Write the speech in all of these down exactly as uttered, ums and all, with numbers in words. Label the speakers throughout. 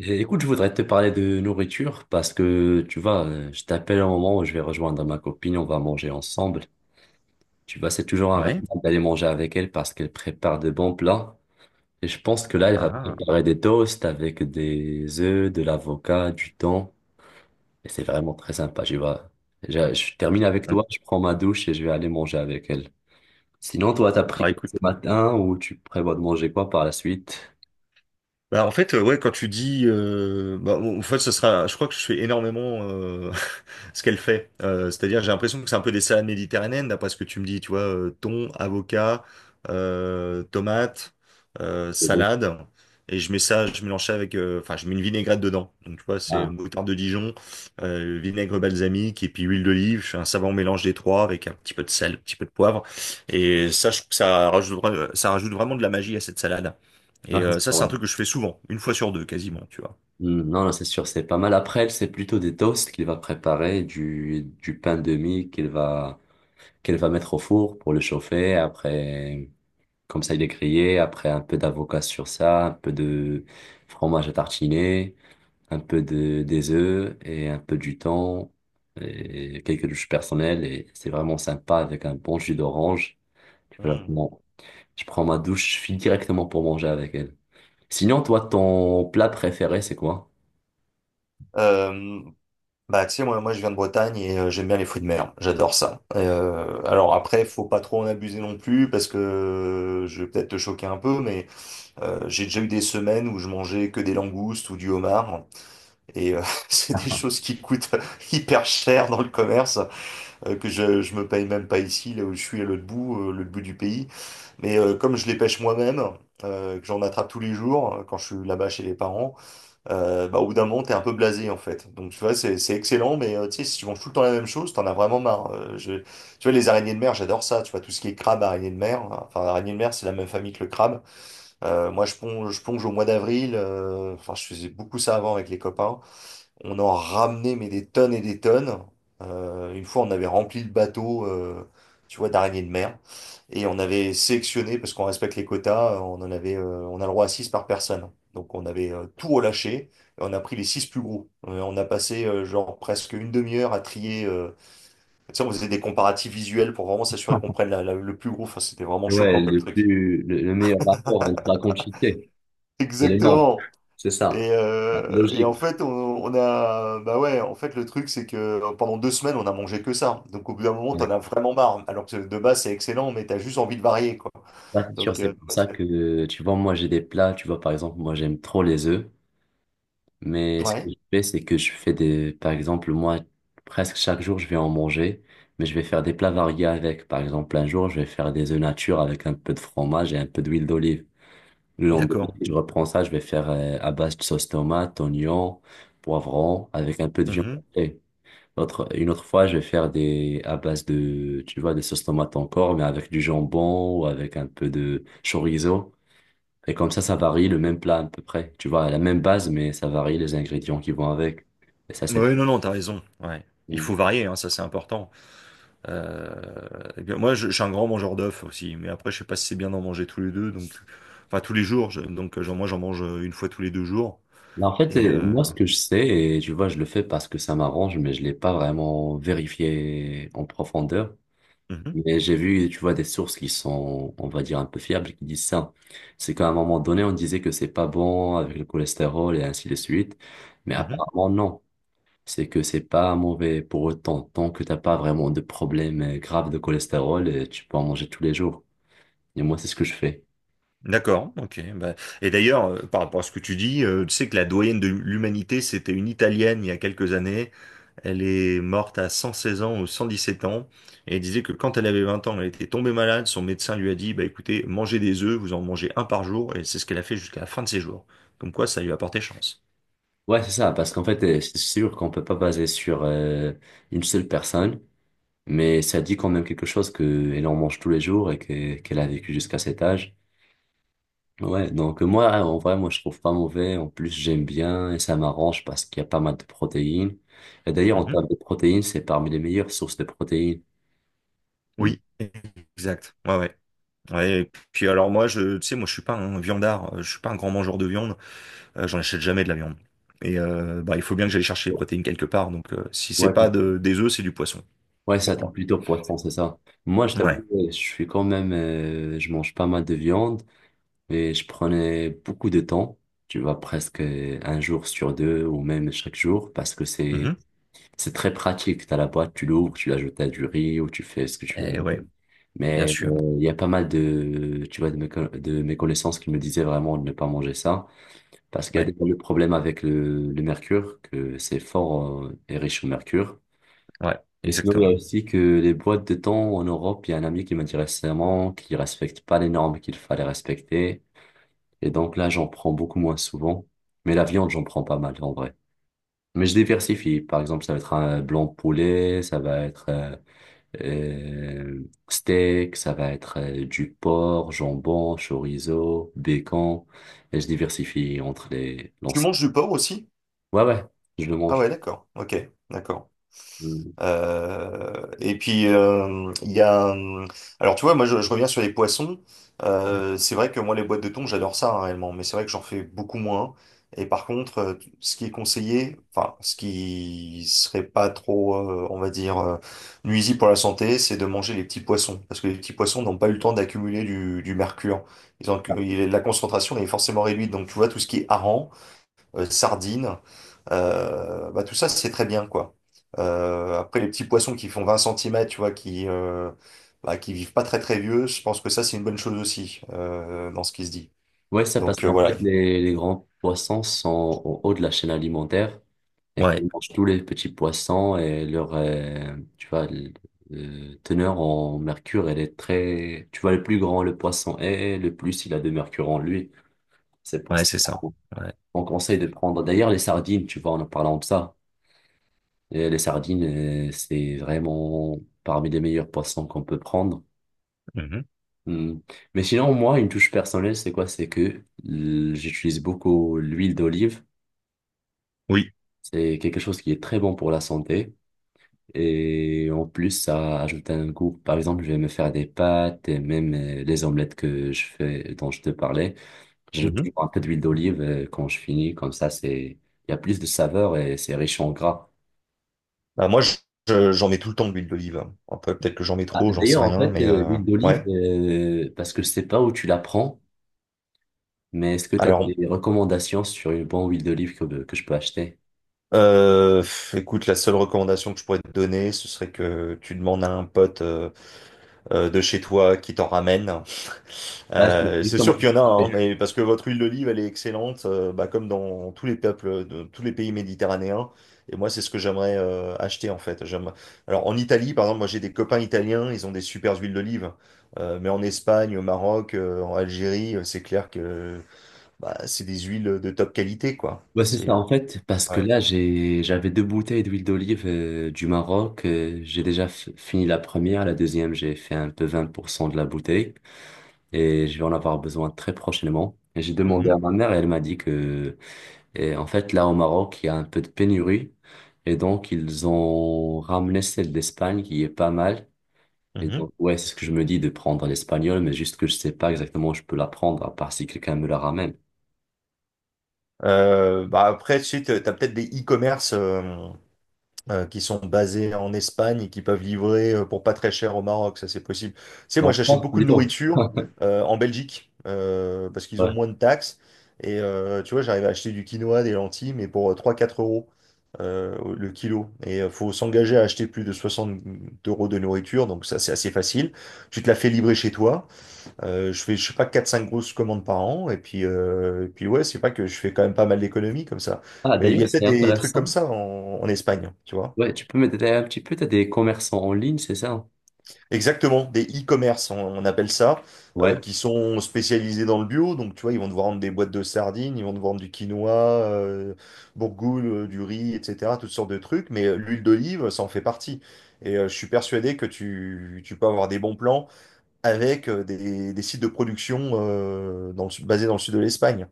Speaker 1: Eh, Écoute, je voudrais te parler de nourriture parce que, tu vois, euh, je t'appelle au moment où je vais rejoindre ma copine, on va manger ensemble. Tu vois, c'est toujours un rêve
Speaker 2: Ouais.
Speaker 1: d'aller manger avec elle parce qu'elle prépare de bons plats. Et je pense que là, elle
Speaker 2: Ah,
Speaker 1: va
Speaker 2: ah.
Speaker 1: préparer des toasts avec des œufs, de l'avocat, du thon. Et c'est vraiment très sympa, tu vois. Je, je termine avec
Speaker 2: Bon.
Speaker 1: toi, je prends ma douche et je vais aller manger avec elle. Sinon, toi, t'as pris
Speaker 2: Bah,
Speaker 1: quoi
Speaker 2: écoute.
Speaker 1: ce matin ou tu prévois de manger quoi par la suite?
Speaker 2: Bah, en fait, euh, ouais, quand tu dis, euh, bah, en fait, ce sera, je crois que je fais énormément euh, ce qu'elle fait. Euh, c'est-à-dire, j'ai l'impression que c'est un peu des salades méditerranéennes, d'après ce que tu me dis, tu vois, euh, thon, avocat, euh, tomate, euh,
Speaker 1: Les deux.
Speaker 2: salade, et je mets ça, je mélange ça avec, euh, enfin, je mets une vinaigrette dedans. Donc, tu vois, c'est
Speaker 1: Ah.
Speaker 2: moutarde de Dijon, euh, vinaigre balsamique et puis huile d'olive. Je fais un savant mélange des trois avec un petit peu de sel, un petit peu de poivre, et ça, je trouve que ça rajoute, vra- ça rajoute vraiment de la magie à cette salade. Et euh, ça, c'est un truc que je fais souvent, une fois sur deux, quasiment, tu vois.
Speaker 1: Hmm. Non, non, c'est sûr, c'est pas mal. Après, elle, c'est plutôt des toasts qu'il va préparer, du, du pain de mie qu'il va, qu'elle va mettre au four pour le chauffer. Après, comme ça, il est grillé. Après, un peu d'avocat sur ça, un peu de fromage à tartiner, un peu de, des œufs et un peu du thon et quelques douches personnelles. Et c'est vraiment sympa avec un bon jus d'orange. Tu peux
Speaker 2: Hmm.
Speaker 1: vraiment- Je prends ma douche, je file directement pour manger avec elle. Sinon, toi, ton plat préféré, c'est quoi?
Speaker 2: Euh, Bah, tu sais, moi, moi, je viens de Bretagne et euh, j'aime bien les fruits de mer. J'adore ça. Et, Euh, alors après, faut pas trop en abuser non plus parce que je vais peut-être te choquer un peu, mais euh, j'ai déjà eu des semaines où je mangeais que des langoustes ou du homard et euh, c'est des choses qui coûtent hyper cher dans le commerce euh, que je, je me paye même pas ici, là où je suis à l'autre bout, euh, l'autre bout du pays. Mais euh, comme je les pêche moi-même, euh, que j'en attrape tous les jours euh, quand je suis là-bas chez les parents. Euh, bah, au bout d'un moment, t'es un peu blasé, en fait. Donc, tu vois, c'est c'est excellent, mais euh, tu sais, si tu manges tout le temps la même chose, t'en as vraiment marre. Euh, je... Tu vois, les araignées de mer, j'adore ça. Tu vois, tout ce qui est crabe, araignée de mer. Enfin, araignée de mer, c'est la même famille que le crabe. Euh, moi, je plonge, je plonge au mois d'avril. euh, Enfin, je faisais beaucoup ça avant avec les copains. On en ramenait, mais des tonnes et des tonnes. Euh, une fois, on avait rempli le bateau, euh, tu vois, d'araignées de mer. Et on avait sélectionné, parce qu'on respecte les quotas, euh, on en avait, euh, on a le droit à six par personne. Donc, on avait euh, tout relâché. Et on a pris les six plus gros. Euh, on a passé, euh, genre, presque une demi-heure à trier. euh, Tu sais, on faisait des comparatifs visuels pour vraiment s'assurer qu'on prenne la- la- le plus gros. Enfin, c'était vraiment
Speaker 1: Ouais,
Speaker 2: choquant comme
Speaker 1: le
Speaker 2: truc.
Speaker 1: plus, le, le meilleur rapport entre la quantité et les nombres.
Speaker 2: Exactement.
Speaker 1: C'est ça.
Speaker 2: Et,
Speaker 1: C'est
Speaker 2: euh, et en
Speaker 1: logique.
Speaker 2: fait, on, on a, bah ouais, en fait, le truc, c'est que pendant deux semaines, on a mangé que ça. Donc, au bout d'un moment,
Speaker 1: Ouais.
Speaker 2: t'en as vraiment marre. Alors que de base, c'est excellent, mais t'as juste envie de varier, quoi.
Speaker 1: Ça, c'est sûr,
Speaker 2: Donc,
Speaker 1: c'est
Speaker 2: euh,
Speaker 1: pour
Speaker 2: ouais.
Speaker 1: ça
Speaker 2: C'est-
Speaker 1: que, tu vois, moi, j'ai des plats, tu vois, par exemple, moi, j'aime trop les œufs, mais ce que
Speaker 2: ouais.
Speaker 1: je fais, c'est que je fais des, par exemple, moi, presque chaque jour, je vais en manger, mais je vais faire des plats variés avec. Par exemple, un jour, je vais faire des œufs nature avec un peu de fromage et un peu d'huile d'olive. Le lendemain,
Speaker 2: D'accord.
Speaker 1: je reprends ça, je vais faire euh, à base de sauce tomate, oignon, poivron, avec un peu de viande
Speaker 2: Mhm.
Speaker 1: hachée. Autre, une autre fois, je vais faire des, à base de, tu vois, des sauces tomates encore, mais avec du jambon ou avec un peu de chorizo. Et comme ça, ça varie le même plat à peu près. Tu vois, la même base, mais ça varie les ingrédients qui vont avec. Et ça, c'est...
Speaker 2: Oui, non, non, t'as raison. Ouais. Il
Speaker 1: Mm.
Speaker 2: faut varier, hein, ça c'est important. Euh, et bien, moi, je, je suis un grand mangeur d'œufs aussi, mais après, je sais pas si c'est bien d'en manger tous les deux, donc enfin tous les jours. Je- donc, genre, moi, j'en mange euh, une fois tous les deux jours.
Speaker 1: Mais en fait,
Speaker 2: Et
Speaker 1: euh,
Speaker 2: euh,
Speaker 1: moi, ce que je sais, et tu vois, je le fais parce que ça m'arrange, mais je l'ai pas vraiment vérifié en profondeur.
Speaker 2: mhm,
Speaker 1: Mais j'ai vu, tu vois, des sources qui sont, on va dire, un peu fiables qui disent ça. C'est qu'à un moment donné, on disait que c'est pas bon avec le cholestérol et ainsi de suite. Mais
Speaker 2: mhm.
Speaker 1: apparemment, non. C'est que c'est pas mauvais pour autant. Tant que t'as pas vraiment de problème euh, grave de cholestérol, euh, tu peux en manger tous les jours. Et moi, c'est ce que je fais.
Speaker 2: D'accord, ok. Bah, et d'ailleurs, euh, par rapport à ce que tu dis, euh, tu sais que la doyenne de l'humanité, c'était une Italienne il y a quelques années. Elle est morte à cent seize ans ou cent dix sept ans. Et elle disait que quand elle avait vingt ans, elle était tombée malade. Son médecin lui a dit, bah écoutez, mangez des œufs, vous en mangez un par jour. Et c'est ce qu'elle a fait jusqu'à la fin de ses jours. Comme quoi, ça lui a porté chance.
Speaker 1: Ouais, c'est ça. Parce qu'en fait, euh, c'est sûr qu'on peut pas baser sur euh, une seule personne. Mais ça dit quand même quelque chose qu'elle en mange tous les jours et que- qu'elle a vécu jusqu'à cet âge. Ouais, donc moi, en vrai, moi, je trouve pas mauvais. En plus, j'aime bien et ça m'arrange parce qu'il y a pas mal de protéines. Et d'ailleurs, en
Speaker 2: Mhm.
Speaker 1: termes de protéines, c'est parmi les meilleures sources de protéines. Mm.
Speaker 2: Oui, exact. Ouais, ouais. Ouais, et puis alors moi, je, tu sais, moi je suis pas un viandard, euh, je suis pas un grand mangeur de viande, euh, j'en achète jamais de la viande. Et euh, bah, il faut bien que j'aille chercher les protéines quelque part, donc euh, si c'est
Speaker 1: Ouais,
Speaker 2: pas de, des œufs, c'est du poisson,
Speaker 1: ouais, ça,
Speaker 2: pour
Speaker 1: t'es
Speaker 2: moi.
Speaker 1: plutôt poisson, c'est ça. Moi, je t'avoue,
Speaker 2: Ouais.
Speaker 1: ouais, je suis quand même, euh, je mange pas mal de viande, mais je prenais beaucoup de temps. Tu vois, presque un jour sur deux ou même chaque jour parce que c'est,
Speaker 2: Mhm.
Speaker 1: c'est très pratique. T'as la boîte, tu l'ouvres, tu l'ajoutes à du riz ou tu fais ce que tu veux.
Speaker 2: Eh ouais, bien
Speaker 1: Mais
Speaker 2: sûr.
Speaker 1: euh, il y a pas mal de, tu vois, de mes, co- de mes connaissances qui me disaient vraiment de ne pas manger ça, parce qu'il y a
Speaker 2: Ouais,
Speaker 1: des le problème avec le, le mercure, que c'est fort euh, et riche en mercure.
Speaker 2: ouais,
Speaker 1: Mais sinon, il y a
Speaker 2: exactement.
Speaker 1: aussi que les boîtes de thon en Europe, il y a un ami qui m'a dit récemment qu'il respecte pas les normes qu'il fallait respecter. Et donc là, j'en prends beaucoup moins souvent. Mais la viande, j'en prends pas mal en vrai. Mais je diversifie. Par exemple, ça va être un blanc poulet, ça va être euh, euh, steak, ça va être euh, du porc, jambon, chorizo, bacon. Et je diversifie entre les
Speaker 2: Tu
Speaker 1: l'ensemble.
Speaker 2: manges du porc aussi?
Speaker 1: Ouais, ouais, je le
Speaker 2: Ah
Speaker 1: mange.
Speaker 2: ouais, d'accord. Ok, d'accord.
Speaker 1: Mm.
Speaker 2: Euh, et puis euh, il y a euh, Alors tu vois moi je, je reviens sur les poissons. Euh, c'est vrai que moi les boîtes de thon j'adore ça hein, réellement mais c'est vrai que j'en fais beaucoup moins et par contre euh, ce qui est conseillé enfin ce qui serait pas trop euh, on va dire euh, nuisible pour la santé c'est de manger les petits poissons parce que les petits poissons n'ont pas eu le temps d'accumuler du, du mercure. Ils ont, il- la concentration est forcément réduite donc tu vois tout ce qui est hareng euh, sardines. Euh, bah, tout ça, c'est très bien, quoi. Euh, après, les petits poissons qui font vingt centimètres, tu vois, qui, euh, bah, qui vivent pas très très vieux, je pense que ça, c'est une bonne chose aussi, euh, dans ce qui se dit.
Speaker 1: Ouais, ça passe.
Speaker 2: Donc euh,
Speaker 1: En
Speaker 2: voilà.
Speaker 1: fait, les, les grands poissons sont au haut de la chaîne alimentaire et qui mangent tous les petits poissons et leur, euh, tu vois, le- le teneur en mercure, elle est très... Tu vois, le plus grand le poisson est, le plus il a de mercure en lui. C'est pour ça. On conseille de prendre d'ailleurs les sardines, tu vois, en parlant de ça. Et les sardines, euh, c'est vraiment parmi les meilleurs poissons qu'on peut prendre.
Speaker 2: Mhm.
Speaker 1: Hmm. Mais sinon, moi, une touche personnelle, c'est quoi? C'est que l- j'utilise beaucoup l'huile d'olive.
Speaker 2: Oui.
Speaker 1: C'est quelque chose qui est très bon pour la santé. Et en plus, ça ajoute un goût. Par exemple, je vais me faire des pâtes et même euh, les omelettes que je fais, dont je te parlais. J'ajoute
Speaker 2: Mhm.
Speaker 1: un peu d'huile d'olive euh, quand je finis. Comme ça, c'est, il y a plus de saveur et c'est riche en gras.
Speaker 2: Bah, moi, je- je- j'en mets tout le temps de l'huile d'olive, hein. Après, peut-être que j'en mets
Speaker 1: Ah,
Speaker 2: trop, j'en sais
Speaker 1: d'ailleurs, en
Speaker 2: rien,
Speaker 1: fait,
Speaker 2: mais
Speaker 1: euh,
Speaker 2: euh,
Speaker 1: l'huile d'olive,
Speaker 2: ouais.
Speaker 1: euh, parce que je sais pas où tu la prends, mais est-ce que tu as
Speaker 2: Alors,
Speaker 1: des recommandations sur une bonne huile d'olive que, que je peux acheter?
Speaker 2: euh, pff, écoute, la seule recommandation que je pourrais te donner, ce serait que tu demandes à un pote euh, euh, de chez toi qui t'en ramène.
Speaker 1: Bah, c'est
Speaker 2: Euh, c'est sûr
Speaker 1: justement
Speaker 2: qu'il y
Speaker 1: ce
Speaker 2: en
Speaker 1: que
Speaker 2: a,
Speaker 1: je
Speaker 2: hein,
Speaker 1: fais.
Speaker 2: mais parce que votre huile d'olive, elle est excellente, euh, bah, comme dans tous les peuples, de tous les pays méditerranéens. Et moi, c'est ce que j'aimerais euh, acheter en fait. J'aime. Alors en Italie, par exemple, moi j'ai des copains italiens, ils ont des super huiles d'olive. Euh, mais en Espagne, au Maroc, euh, en Algérie, euh, c'est clair que bah, c'est des huiles de top qualité, quoi.
Speaker 1: Bah, c'est
Speaker 2: C'est
Speaker 1: ça,
Speaker 2: euh,
Speaker 1: en fait, parce que
Speaker 2: ouais.
Speaker 1: là, j'ai, j'avais deux bouteilles d'huile d'olive euh, du Maroc. Euh, j'ai déjà f- fini la première, la deuxième, j'ai fait un peu vingt pour cent de la bouteille et je vais en avoir besoin très prochainement. Et j'ai demandé à
Speaker 2: Mhm,
Speaker 1: ma mère et elle m'a dit que. Et en fait, là, au Maroc, il y a un peu de pénurie. Et donc, ils ont ramené celle d'Espagne qui est pas mal. Et
Speaker 2: mhm.
Speaker 1: donc, ouais, c'est ce que je me dis de prendre l'espagnol, mais juste que je sais pas exactement où je peux la prendre, à part si quelqu'un me la ramène.
Speaker 2: Euh, bah après, tu sais, t'as t'as peut-être des e-commerce. Euh, euh, qui sont basés en Espagne et qui peuvent livrer euh, pour pas très cher au Maroc, ça c'est possible. Tu sais, moi
Speaker 1: En
Speaker 2: j'achète
Speaker 1: France,
Speaker 2: beaucoup de
Speaker 1: plutôt.
Speaker 2: nourriture euh, en Belgique euh, parce qu'ils ont
Speaker 1: Ouais.
Speaker 2: moins de taxes. Et euh, tu vois, j'arrive à acheter du quinoa, des lentilles, mais pour euh, trois-quatre euros euh, le kilo. Et il faut s'engager à acheter plus de soixante euros de nourriture, donc ça c'est assez facile. Tu te la fais livrer chez toi. Euh, je fais, je sais pas, quatre cinq grosses commandes par an. Et puis, euh, et puis ouais, c'est pas que je fais quand même pas mal d'économies comme ça.
Speaker 1: Ah,
Speaker 2: Mais il y
Speaker 1: d'ailleurs,
Speaker 2: a
Speaker 1: c'est
Speaker 2: peut-être des trucs comme
Speaker 1: intéressant.
Speaker 2: ça en en Espagne, tu vois.
Speaker 1: Ouais, tu peux m'aider un petit peu, t'as des commerçants en ligne, c'est ça?
Speaker 2: Exactement, des e-commerce, on, on appelle ça, euh,
Speaker 1: Ouais.
Speaker 2: qui sont spécialisés dans le bio. Donc, tu vois, ils vont te vendre des boîtes de sardines, ils vont te vendre du quinoa, euh, bourgoule, euh, du riz, et cetera, toutes sortes de trucs. Mais euh, l'huile d'olive, ça en fait partie. Et euh, je suis persuadé que tu, tu peux avoir des bons plans avec euh, des, des sites de production euh, dans le sud- basés dans le sud de l'Espagne.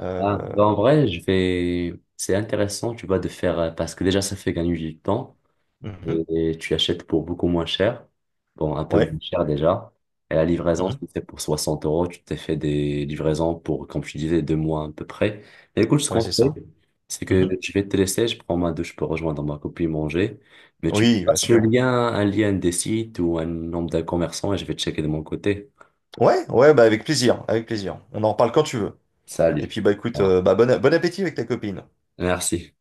Speaker 2: Euh,
Speaker 1: Ah, bah en vrai, je vais. C'est intéressant, tu vois, de faire. euh, Parce que déjà, ça fait gagner du temps.
Speaker 2: mhm,
Speaker 1: Et tu achètes pour beaucoup moins cher, bon, un peu
Speaker 2: ouais,
Speaker 1: moins cher déjà. Et la livraison,
Speaker 2: mhm,
Speaker 1: si c'est pour soixante euros, tu t'es fait des livraisons pour, comme tu disais, deux mois à peu près. Et écoute, ce
Speaker 2: ouais,
Speaker 1: qu'on
Speaker 2: c'est
Speaker 1: fait,
Speaker 2: ça.
Speaker 1: c'est que
Speaker 2: Mhm.
Speaker 1: je vais te laisser, je prends ma douche pour rejoindre ma copine manger, mais tu me
Speaker 2: Oui, bien
Speaker 1: passes le
Speaker 2: sûr.
Speaker 1: lien, un lien des sites ou un nombre de commerçants et je vais checker de mon côté.
Speaker 2: Ouais, ouais, bah avec plaisir, avec plaisir. On en reparle quand tu veux. Et
Speaker 1: Salut.
Speaker 2: puis bah
Speaker 1: Au
Speaker 2: écoute,
Speaker 1: revoir.
Speaker 2: euh, bah, bon, bon appétit avec ta copine.
Speaker 1: Merci.